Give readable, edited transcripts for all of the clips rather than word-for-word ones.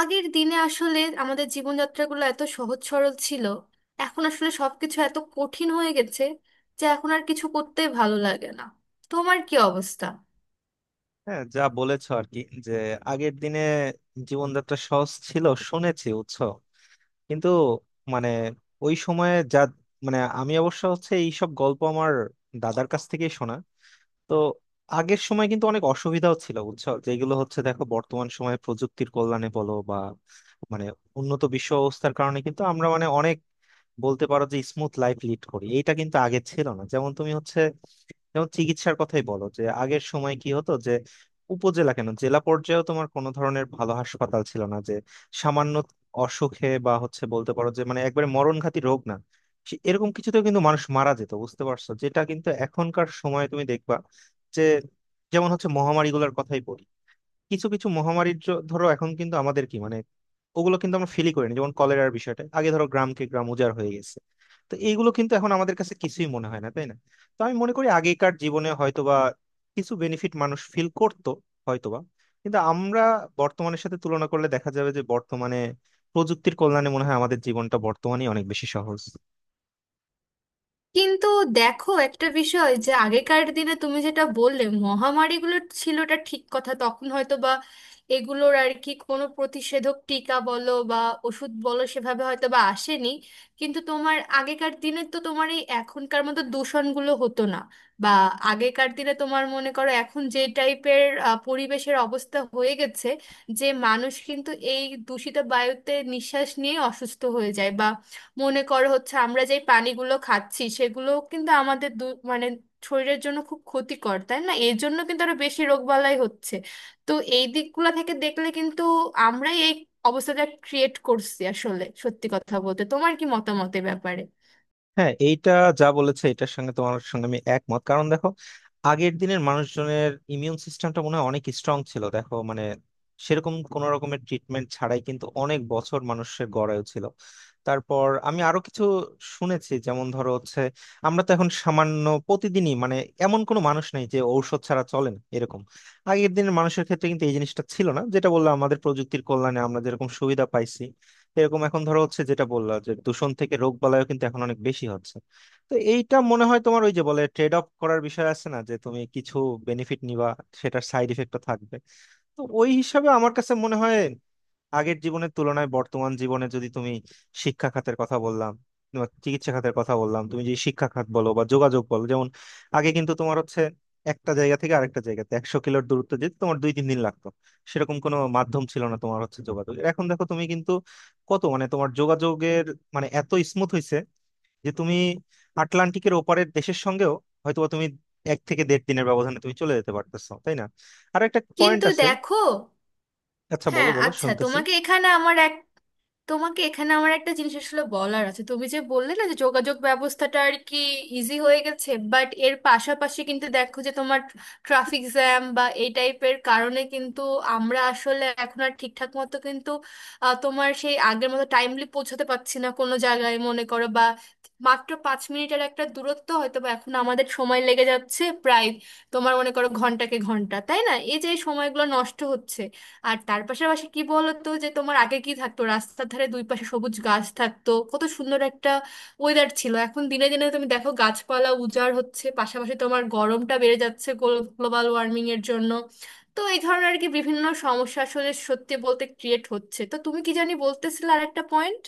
আগের দিনে আসলে আমাদের জীবনযাত্রাগুলো এত সহজ সরল ছিল। এখন আসলে সবকিছু এত কঠিন হয়ে গেছে যে এখন আর কিছু করতে ভালো লাগে না। তোমার কি অবস্থা? হ্যাঁ, যা বলেছ আর কি। যে আগের দিনে জীবনযাত্রা সহজ ছিল শুনেছি উৎস, কিন্তু মানে ওই সময়ে যা, মানে আমি অবশ্য হচ্ছে এইসব গল্প আমার দাদার কাছ থেকেই শোনা। তো আগের সময় কিন্তু অনেক অসুবিধাও ছিল বুঝছো, যেগুলো হচ্ছে দেখো বর্তমান সময়ে প্রযুক্তির কল্যাণে বলো বা মানে উন্নত বিশ্ব অবস্থার কারণে কিন্তু আমরা মানে অনেক বলতে পারো যে স্মুথ লাইফ লিড করি, এইটা কিন্তু আগে ছিল না। যেমন তুমি হচ্ছে, যেমন চিকিৎসার কথাই বলো, যে আগের সময় কি হতো যে উপজেলা কেন জেলা পর্যায়েও তোমার কোনো ধরনের ভালো হাসপাতাল ছিল না, যে সামান্য অসুখে বা হচ্ছে বলতে পারো যে মানে একবারে মরণঘাতী রোগ না, এরকম কিছুতেও কিন্তু মানুষ মারা যেত। বুঝতে পারছো, যেটা কিন্তু এখনকার সময়ে তুমি দেখবা যে যেমন হচ্ছে মহামারী গুলার কথাই বলি, কিছু কিছু মহামারীর ধরো এখন কিন্তু আমাদের কি মানে, ওগুলো কিন্তু আমরা ফিলই করিনি। যেমন কলেরার বিষয়টা, আগে ধরো গ্রামকে গ্রাম উজাড় হয়ে গেছে, তো এইগুলো কিন্তু এখন আমাদের কাছে কিছুই মনে হয় না, তাই না? তো আমি মনে করি আগেকার জীবনে হয়তোবা কিছু বেনিফিট মানুষ ফিল করতো হয়তোবা, কিন্তু আমরা বর্তমানের সাথে তুলনা করলে দেখা যাবে যে বর্তমানে প্রযুক্তির কল্যাণে মনে হয় আমাদের জীবনটা বর্তমানেই অনেক বেশি সহজ। কিন্তু দেখো একটা বিষয় যে আগেকার দিনে তুমি যেটা বললে মহামারীগুলো ছিলটা ঠিক কথা, তখন হয়তো বা এগুলোর আর কি কোনো প্রতিষেধক, টিকা বলো বা ওষুধ বলো সেভাবে হয়তো বা আসেনি। কিন্তু তোমার আগেকার দিনে তো তোমার এই এখনকার মতো দূষণগুলো হতো না। বা আগেকার দিনে তোমার মনে করো এখন যে টাইপের পরিবেশের অবস্থা হয়ে গেছে, যে মানুষ কিন্তু এই দূষিত বায়ুতে নিঃশ্বাস নিয়ে অসুস্থ হয়ে যায়। বা মনে করো হচ্ছে আমরা যেই পানিগুলো খাচ্ছি সেগুলো কিন্তু আমাদের মানে শরীরের জন্য খুব ক্ষতিকর, তাই না? এর জন্য কিন্তু আরো বেশি রোগবালাই হচ্ছে। তো এই দিকগুলো থেকে দেখলে কিন্তু আমরাই এই অবস্থাটা ক্রিয়েট করছি আসলে, সত্যি কথা বলতে। তোমার কি মতামত এ ব্যাপারে? হ্যাঁ, এইটা যা বলেছে এটার সঙ্গে, তোমার সঙ্গে আমি একমত। কারণ দেখো, আগের দিনের মানুষজনের ইমিউন সিস্টেমটা মনে হয় অনেক স্ট্রং ছিল। দেখো মানে সেরকম কোন রকমের ট্রিটমেন্ট ছাড়াই কিন্তু অনেক বছর মানুষের গড়ায় ছিল। তারপর আমি আরো কিছু শুনেছি, যেমন ধরো হচ্ছে আমরা তো এখন সামান্য প্রতিদিনই মানে এমন কোনো মানুষ নেই যে ঔষধ ছাড়া চলে না, এরকম আগের দিনের মানুষের ক্ষেত্রে কিন্তু এই জিনিসটা ছিল না। যেটা বললাম, আমাদের প্রযুক্তির কল্যাণে আমরা যেরকম সুবিধা পাইছি, এরকম এখন ধরো হচ্ছে যেটা বললা যে দূষণ থেকে রোগ বালাইও কিন্তু এখন অনেক বেশি হচ্ছে। তো এইটা মনে হয় তোমার ওই যে বলে ট্রেড অফ করার বিষয় আছে না, যে তুমি কিছু বেনিফিট নিবা, সেটার সাইড ইফেক্টও থাকবে। তো ওই হিসাবে আমার কাছে মনে হয় আগের জীবনের তুলনায় বর্তমান জীবনে, যদি তুমি শিক্ষা খাতের কথা বললাম বা চিকিৎসা খাতের কথা বললাম, তুমি যে শিক্ষা খাত বলো বা যোগাযোগ বলো, যেমন আগে কিন্তু তোমার হচ্ছে একটা জায়গা থেকে আরেকটা জায়গাতে 100 কিলোর দূরত্ব যেতে তোমার 2 3 দিন লাগতো, সেরকম কোনো মাধ্যম ছিল না তোমার হচ্ছে যোগাযোগ। এখন দেখো তুমি কিন্তু কত মানে তোমার যোগাযোগের মানে এত স্মুথ হয়েছে যে তুমি আটলান্টিকের ওপারের দেশের সঙ্গেও হয়তোবা তুমি 1 থেকে দেড় দিনের ব্যবধানে তুমি চলে যেতে পারতেছো, তাই না? আর একটা পয়েন্ট কিন্তু আছে। দেখো, আচ্ছা, বলো হ্যাঁ বলো, আচ্ছা, শুনতেছি। তোমাকে এখানে আমার এক, তোমাকে এখানে আমার একটা জিনিস আসলে বলার আছে। তুমি যে বললে না যে যোগাযোগ ব্যবস্থাটা আর কি ইজি হয়ে গেছে, বাট এর পাশাপাশি কিন্তু দেখো যে তোমার ট্রাফিক জ্যাম বা এই টাইপের কারণে কিন্তু আমরা আসলে এখন আর ঠিকঠাক মতো কিন্তু তোমার সেই আগের মতো টাইমলি পৌঁছাতে পারছি না কোনো জায়গায় মনে করো। বা মাত্র 5 মিনিটের একটা দূরত্ব হয়তো বা এখন আমাদের সময় লেগে যাচ্ছে প্রায় তোমার মনে করো ঘন্টাকে ঘন্টা, তাই না? এই যে এই সময়গুলো নষ্ট হচ্ছে। আর তার পাশাপাশি কি বলতো যে তোমার আগে কি থাকতো, রাস্তার ধারে দুই পাশে সবুজ গাছ থাকতো, কত সুন্দর একটা ওয়েদার ছিল। এখন দিনে দিনে তুমি দেখো গাছপালা উজাড় হচ্ছে, পাশাপাশি তোমার গরমটা বেড়ে যাচ্ছে গ্লোবাল ওয়ার্মিং এর জন্য। তো এই ধরনের আর কি বিভিন্ন সমস্যা আসলে সত্যি বলতে ক্রিয়েট হচ্ছে। তো তুমি কি জানি বলতেছিলে আর একটা পয়েন্ট?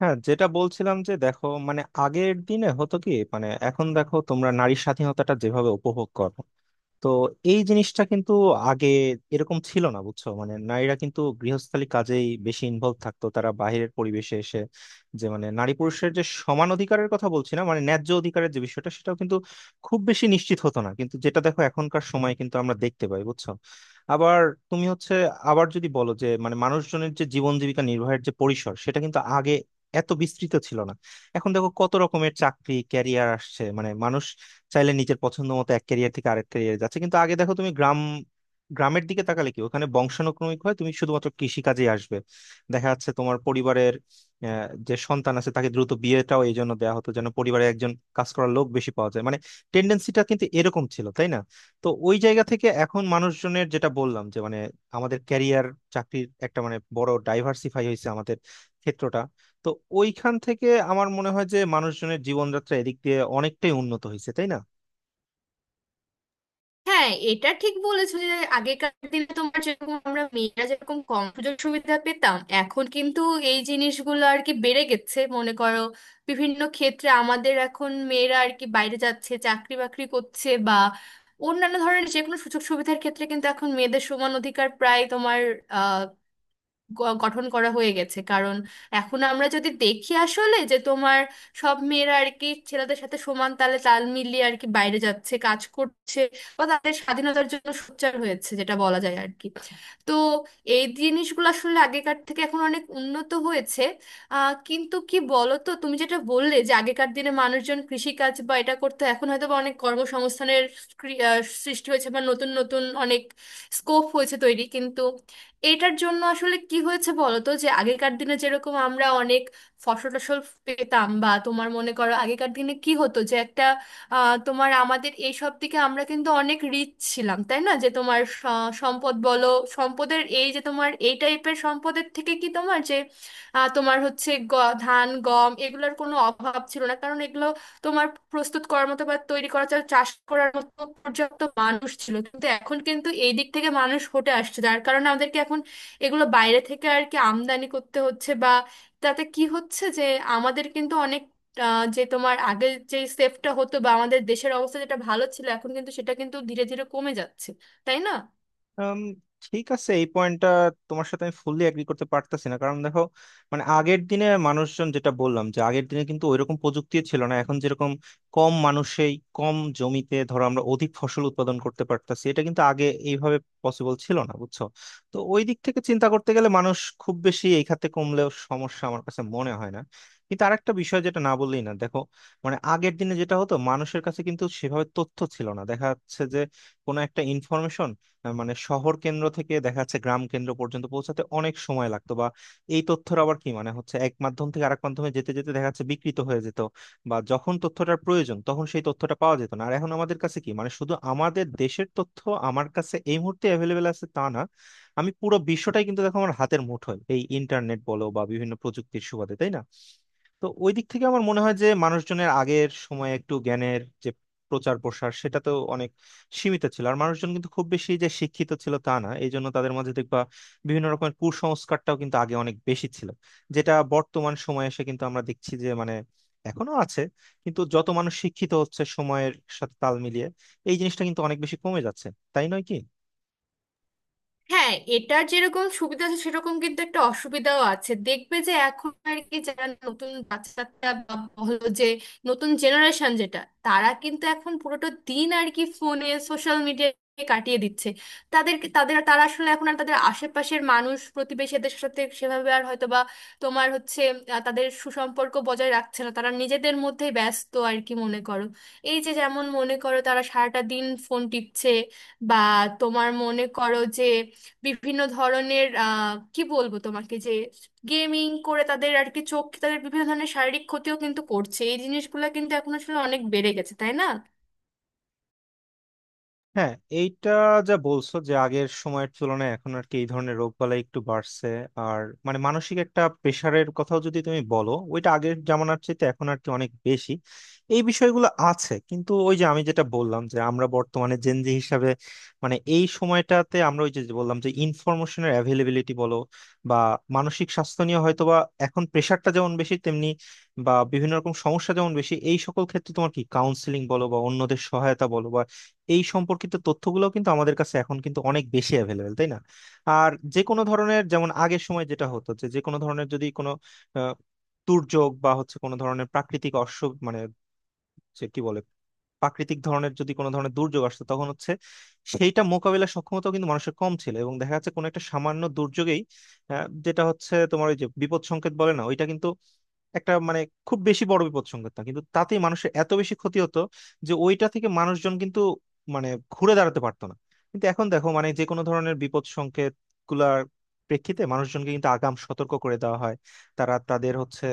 হ্যাঁ, যেটা বলছিলাম যে দেখো মানে আগের দিনে হতো কি মানে এখন দেখো তোমরা নারী স্বাধীনতাটা যেভাবে উপভোগ করো, তো এই জিনিসটা কিন্তু আগে এরকম ছিল না বুঝছো। মানে নারীরা কিন্তু গৃহস্থালী কাজেই বেশি ইনভলভ থাকতো, তারা বাইরের পরিবেশে এসে যে মানে নারী পুরুষের যে সমান অধিকারের কথা বলছি না মানে ন্যায্য অধিকারের যে বিষয়টা, সেটাও কিন্তু খুব বেশি নিশ্চিত হতো না, কিন্তু যেটা দেখো এখনকার সময় কিন্তু আমরা দেখতে পাই বুঝছো। আবার তুমি হচ্ছে আবার যদি বলো যে মানে মানুষজনের যে জীবন জীবিকা নির্বাহের যে পরিসর, সেটা কিন্তু আগে এত বিস্তৃত ছিল না। এখন দেখো কত রকমের চাকরি ক্যারিয়ার আসছে, মানে মানুষ চাইলে নিজের পছন্দ মতো এক ক্যারিয়ার থেকে আরেক ক্যারিয়ার যাচ্ছে। কিন্তু আগে দেখো তুমি গ্রামের দিকে তাকালে কি ওখানে বংশানুক্রমিক হয় তুমি শুধুমাত্র কৃষিকাজে আসবে। দেখা যাচ্ছে তোমার পরিবারের যে সন্তান আছে তাকে দ্রুত বিয়েটাও এই জন্য দেওয়া হতো যেন পরিবারে একজন কাজ করার লোক বেশি পাওয়া যায়। মানে টেন্ডেন্সিটা কিন্তু এরকম ছিল, তাই না? তো ওই জায়গা থেকে এখন মানুষজনের, যেটা বললাম যে মানে আমাদের ক্যারিয়ার, চাকরির একটা মানে বড় ডাইভার্সিফাই হয়েছে আমাদের ক্ষেত্রটা। তো ওইখান থেকে আমার মনে হয় যে মানুষজনের জীবনযাত্রা এদিক দিয়ে অনেকটাই উন্নত হয়েছে, তাই না? হ্যাঁ এটা ঠিক বলেছো যে আগেকার দিনে তোমার যেরকম আমরা মেয়েরা যেরকম কম সুযোগ সুবিধা পেতাম, এখন কিন্তু এই জিনিসগুলো আর কি বেড়ে গেছে মনে করো। বিভিন্ন ক্ষেত্রে আমাদের এখন মেয়েরা আর কি বাইরে যাচ্ছে, চাকরি বাকরি করছে, বা অন্যান্য ধরনের যে কোনো সুযোগ সুবিধার ক্ষেত্রে কিন্তু এখন মেয়েদের সমান অধিকার প্রায় তোমার গঠন করা হয়ে গেছে। কারণ এখন আমরা যদি দেখি আসলে যে তোমার সব মেয়েরা আর কি ছেলেদের সাথে সমান তালে তাল মিলিয়ে আর কি বাইরে যাচ্ছে, কাজ করছে, বা তাদের স্বাধীনতার জন্য সোচ্চার হয়েছে, যেটা বলা যায় আর কি। তো এই জিনিসগুলো আসলে আগেকার থেকে এখন অনেক উন্নত হয়েছে। আহ, কিন্তু কি বলতো তুমি যেটা বললে যে আগেকার দিনে মানুষজন কৃষিকাজ বা এটা করতো, এখন হয়তো বা অনেক কর্মসংস্থানের সৃষ্টি হয়েছে বা নতুন নতুন অনেক স্কোপ হয়েছে তৈরি। কিন্তু এটার জন্য আসলে কি হয়েছে বলতো যে আগেকার দিনে যেরকম আমরা অনেক ফসল টসল পেতাম, বা তোমার মনে করো আগেকার দিনে কি হতো যে একটা তোমার আমাদের এই সব দিকে আমরা কিন্তু অনেক রিচ ছিলাম, তাই না? যে তোমার সম্পদ বলো, সম্পদের এই যে তোমার এই টাইপের সম্পদের থেকে কি তোমার যে তোমার হচ্ছে ধান, গম এগুলোর কোনো অভাব ছিল না, কারণ এগুলো তোমার প্রস্তুত করার মতো বা তৈরি করা, চাল চাষ করার মতো পর্যাপ্ত মানুষ ছিল। কিন্তু এখন কিন্তু এই দিক থেকে মানুষ হটে আসছে, যার কারণে আমাদেরকে এখন এগুলো বাইরে থেকে আর কি আমদানি করতে হচ্ছে। বা তাতে কি হচ্ছে যে আমাদের কিন্তু অনেক যে তোমার আগে যে সেফটা হতো বা আমাদের দেশের অবস্থা যেটা ভালো ছিল, এখন কিন্তু সেটা কিন্তু ধীরে ধীরে কমে যাচ্ছে, তাই না? উম, ঠিক আছে, এই পয়েন্টটা তোমার সাথে আমি ফুললি এগ্রি করতে পারতাছি না। কারণ দেখো, মানে আগের দিনে মানুষজন, যেটা বললাম যে আগের দিনে কিন্তু ওইরকম প্রযুক্তি ছিল না। এখন যেরকম কম মানুষেই কম জমিতে ধরো আমরা অধিক ফসল উৎপাদন করতে পারতাছি, এটা কিন্তু আগে এইভাবে পসিবল ছিল না বুঝছো। তো ওই দিক থেকে চিন্তা করতে গেলে মানুষ খুব বেশি এই খাতে কমলেও সমস্যা আমার কাছে মনে হয় না। কিন্তু আরেকটা বিষয় যেটা না বললেই না, দেখো মানে আগের দিনে যেটা হতো, মানুষের কাছে কিন্তু সেভাবে তথ্য ছিল না। দেখা যাচ্ছে যে কোনো একটা ইনফরমেশন মানে শহর কেন্দ্র থেকে দেখা যাচ্ছে গ্রাম কেন্দ্র পর্যন্ত পৌঁছাতে অনেক সময় লাগতো, বা এই তথ্যের আবার কি মানে হচ্ছে এক মাধ্যম থেকে আরেক মাধ্যমে যেতে যেতে দেখা যাচ্ছে বিকৃত হয়ে যেত, বা যখন তথ্যটার প্রয়োজন তখন সেই তথ্যটা পাওয়া যেত না। আর এখন আমাদের কাছে কি, মানে শুধু আমাদের দেশের তথ্য আমার কাছে এই মুহূর্তে অ্যাভেলেবেল আছে তা না, আমি পুরো বিশ্বটাই কিন্তু দেখো আমার হাতের মুঠোয়, এই ইন্টারনেট বলো বা বিভিন্ন প্রযুক্তির সুবাদে, তাই না? তো ওই দিক থেকে আমার মনে হয় যে মানুষজনের আগের সময়ে একটু জ্ঞানের যে প্রচার প্রসার, সেটা তো অনেক সীমিত ছিল। আর মানুষজন কিন্তু খুব বেশি যে শিক্ষিত ছিল তা না, এই জন্য তাদের মাঝে দেখবা বিভিন্ন রকমের কুসংস্কারটাও কিন্তু আগে অনেক বেশি ছিল, যেটা বর্তমান সময়ে এসে কিন্তু আমরা দেখছি যে মানে এখনো আছে, কিন্তু যত মানুষ শিক্ষিত হচ্ছে সময়ের সাথে তাল মিলিয়ে এই জিনিসটা কিন্তু অনেক বেশি কমে যাচ্ছে, তাই নয় কি? হ্যাঁ এটার যেরকম সুবিধা আছে সেরকম কিন্তু একটা অসুবিধাও আছে। দেখবে যে এখন আর কি যারা নতুন বাচ্চা কাচ্চা বা হলো যে নতুন জেনারেশন যেটা, তারা কিন্তু এখন পুরোটা দিন আর কি ফোনে সোশ্যাল মিডিয়ায় কাটিয়ে দিচ্ছে। তাদেরকে তাদের তারা আসলে এখন আর তাদের আশেপাশের মানুষ প্রতিবেশীদের সাথে সেভাবে আর হয়তো বা তোমার হচ্ছে তাদের সুসম্পর্ক বজায় রাখছে না, তারা নিজেদের মধ্যেই ব্যস্ত আর কি মনে করো। এই যে যেমন মনে করো তারা সারাটা দিন ফোন টিপছে, বা তোমার মনে করো যে বিভিন্ন ধরনের কি বলবো তোমাকে, যে গেমিং করে তাদের আর কি চোখ, তাদের বিভিন্ন ধরনের শারীরিক ক্ষতিও কিন্তু করছে। এই জিনিসগুলো কিন্তু এখন আসলে অনেক বেড়ে গেছে, তাই না? হ্যাঁ, এইটা যা বলছো যে আগের সময়ের তুলনায় এখন আর কি এই ধরনের রোগবালাই একটু বাড়ছে। আর মানে মানসিক একটা প্রেশারের কথাও যদি তুমি বলো, ওইটা আগের জামানার চেয়ে এখন আর কি অনেক বেশি, এই বিষয়গুলো আছে। কিন্তু ওই যে আমি যেটা বললাম যে আমরা বর্তমানে জেনজি হিসাবে মানে এই সময়টাতে আমরা ওই যে যে বললাম যে ইনফরমেশনের অ্যাভেলেবিলিটি বলো বা মানসিক স্বাস্থ্য নিয়ে হয়তো বা এখন প্রেশারটা যেমন বেশি তেমনি বা বিভিন্ন রকম সমস্যা যেমন বেশি, এই সকল ক্ষেত্রে তোমার কি কাউন্সিলিং বলো বা অন্যদের সহায়তা বলো, এই সম্পর্কিত তথ্যগুলো কিন্তু আমাদের কাছে এখন কিন্তু অনেক বেশি অ্যাভেলেবেল, তাই না? আর যে কোনো ধরনের, যেমন আগের সময় যেটা হতো যে যে কোনো ধরনের যদি কোনো আহ, দুর্যোগ বা হচ্ছে কোনো ধরনের প্রাকৃতিক অস্য মানে, যে কি বলে, প্রাকৃতিক ধরনের যদি কোনো ধরনের দুর্যোগ আসতো, তখন হচ্ছে সেইটা মোকাবিলার সক্ষমতা কিন্তু মানুষের কম ছিল, এবং দেখা যাচ্ছে কোনো একটা সামান্য দুর্যোগেই যেটা হচ্ছে তোমার ওই যে বিপদ সংকেত বলে না, ওইটা কিন্তু একটা মানে খুব বেশি বড় বিপদ সংকেত না, কিন্তু তাতেই মানুষের এত বেশি ক্ষতি হতো যে ওইটা থেকে মানুষজন কিন্তু মানে ঘুরে দাঁড়াতে পারতো না। কিন্তু এখন দেখো মানে যে কোনো ধরনের বিপদ সংকেত গুলার প্রেক্ষিতে মানুষজনকে কিন্তু আগাম সতর্ক করে দেওয়া হয়, তারা তাদের হচ্ছে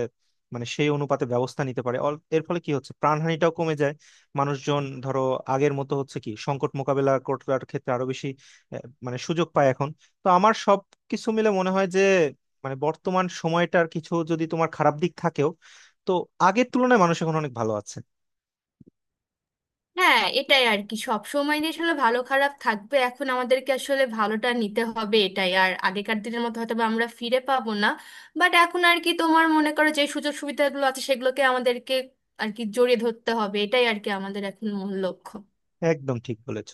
মানে সেই অনুপাতে ব্যবস্থা নিতে পারে। এর ফলে কি হচ্ছে প্রাণহানিটাও কমে যায়, মানুষজন ধরো আগের মতো হচ্ছে কি সংকট মোকাবেলা করার ক্ষেত্রে আরো বেশি মানে সুযোগ পায় এখন। তো আমার সব কিছু মিলে মনে হয় যে মানে বর্তমান সময়টার কিছু যদি তোমার খারাপ দিক থাকেও, তো আগের তুলনায় মানুষ এখন অনেক ভালো আছে। হ্যাঁ এটাই আর কি, সব সময় যে আসলে ভালো খারাপ থাকবে, এখন আমাদেরকে আসলে ভালোটা নিতে হবে, এটাই। আর আগেকার দিনের মতো হয়তো বা আমরা ফিরে পাবো না, বাট এখন আর কি তোমার মনে করো যে সুযোগ সুবিধাগুলো আছে সেগুলোকে আমাদেরকে আর কি জড়িয়ে ধরতে হবে, এটাই আর কি আমাদের এখন মূল লক্ষ্য। একদম ঠিক বলেছ।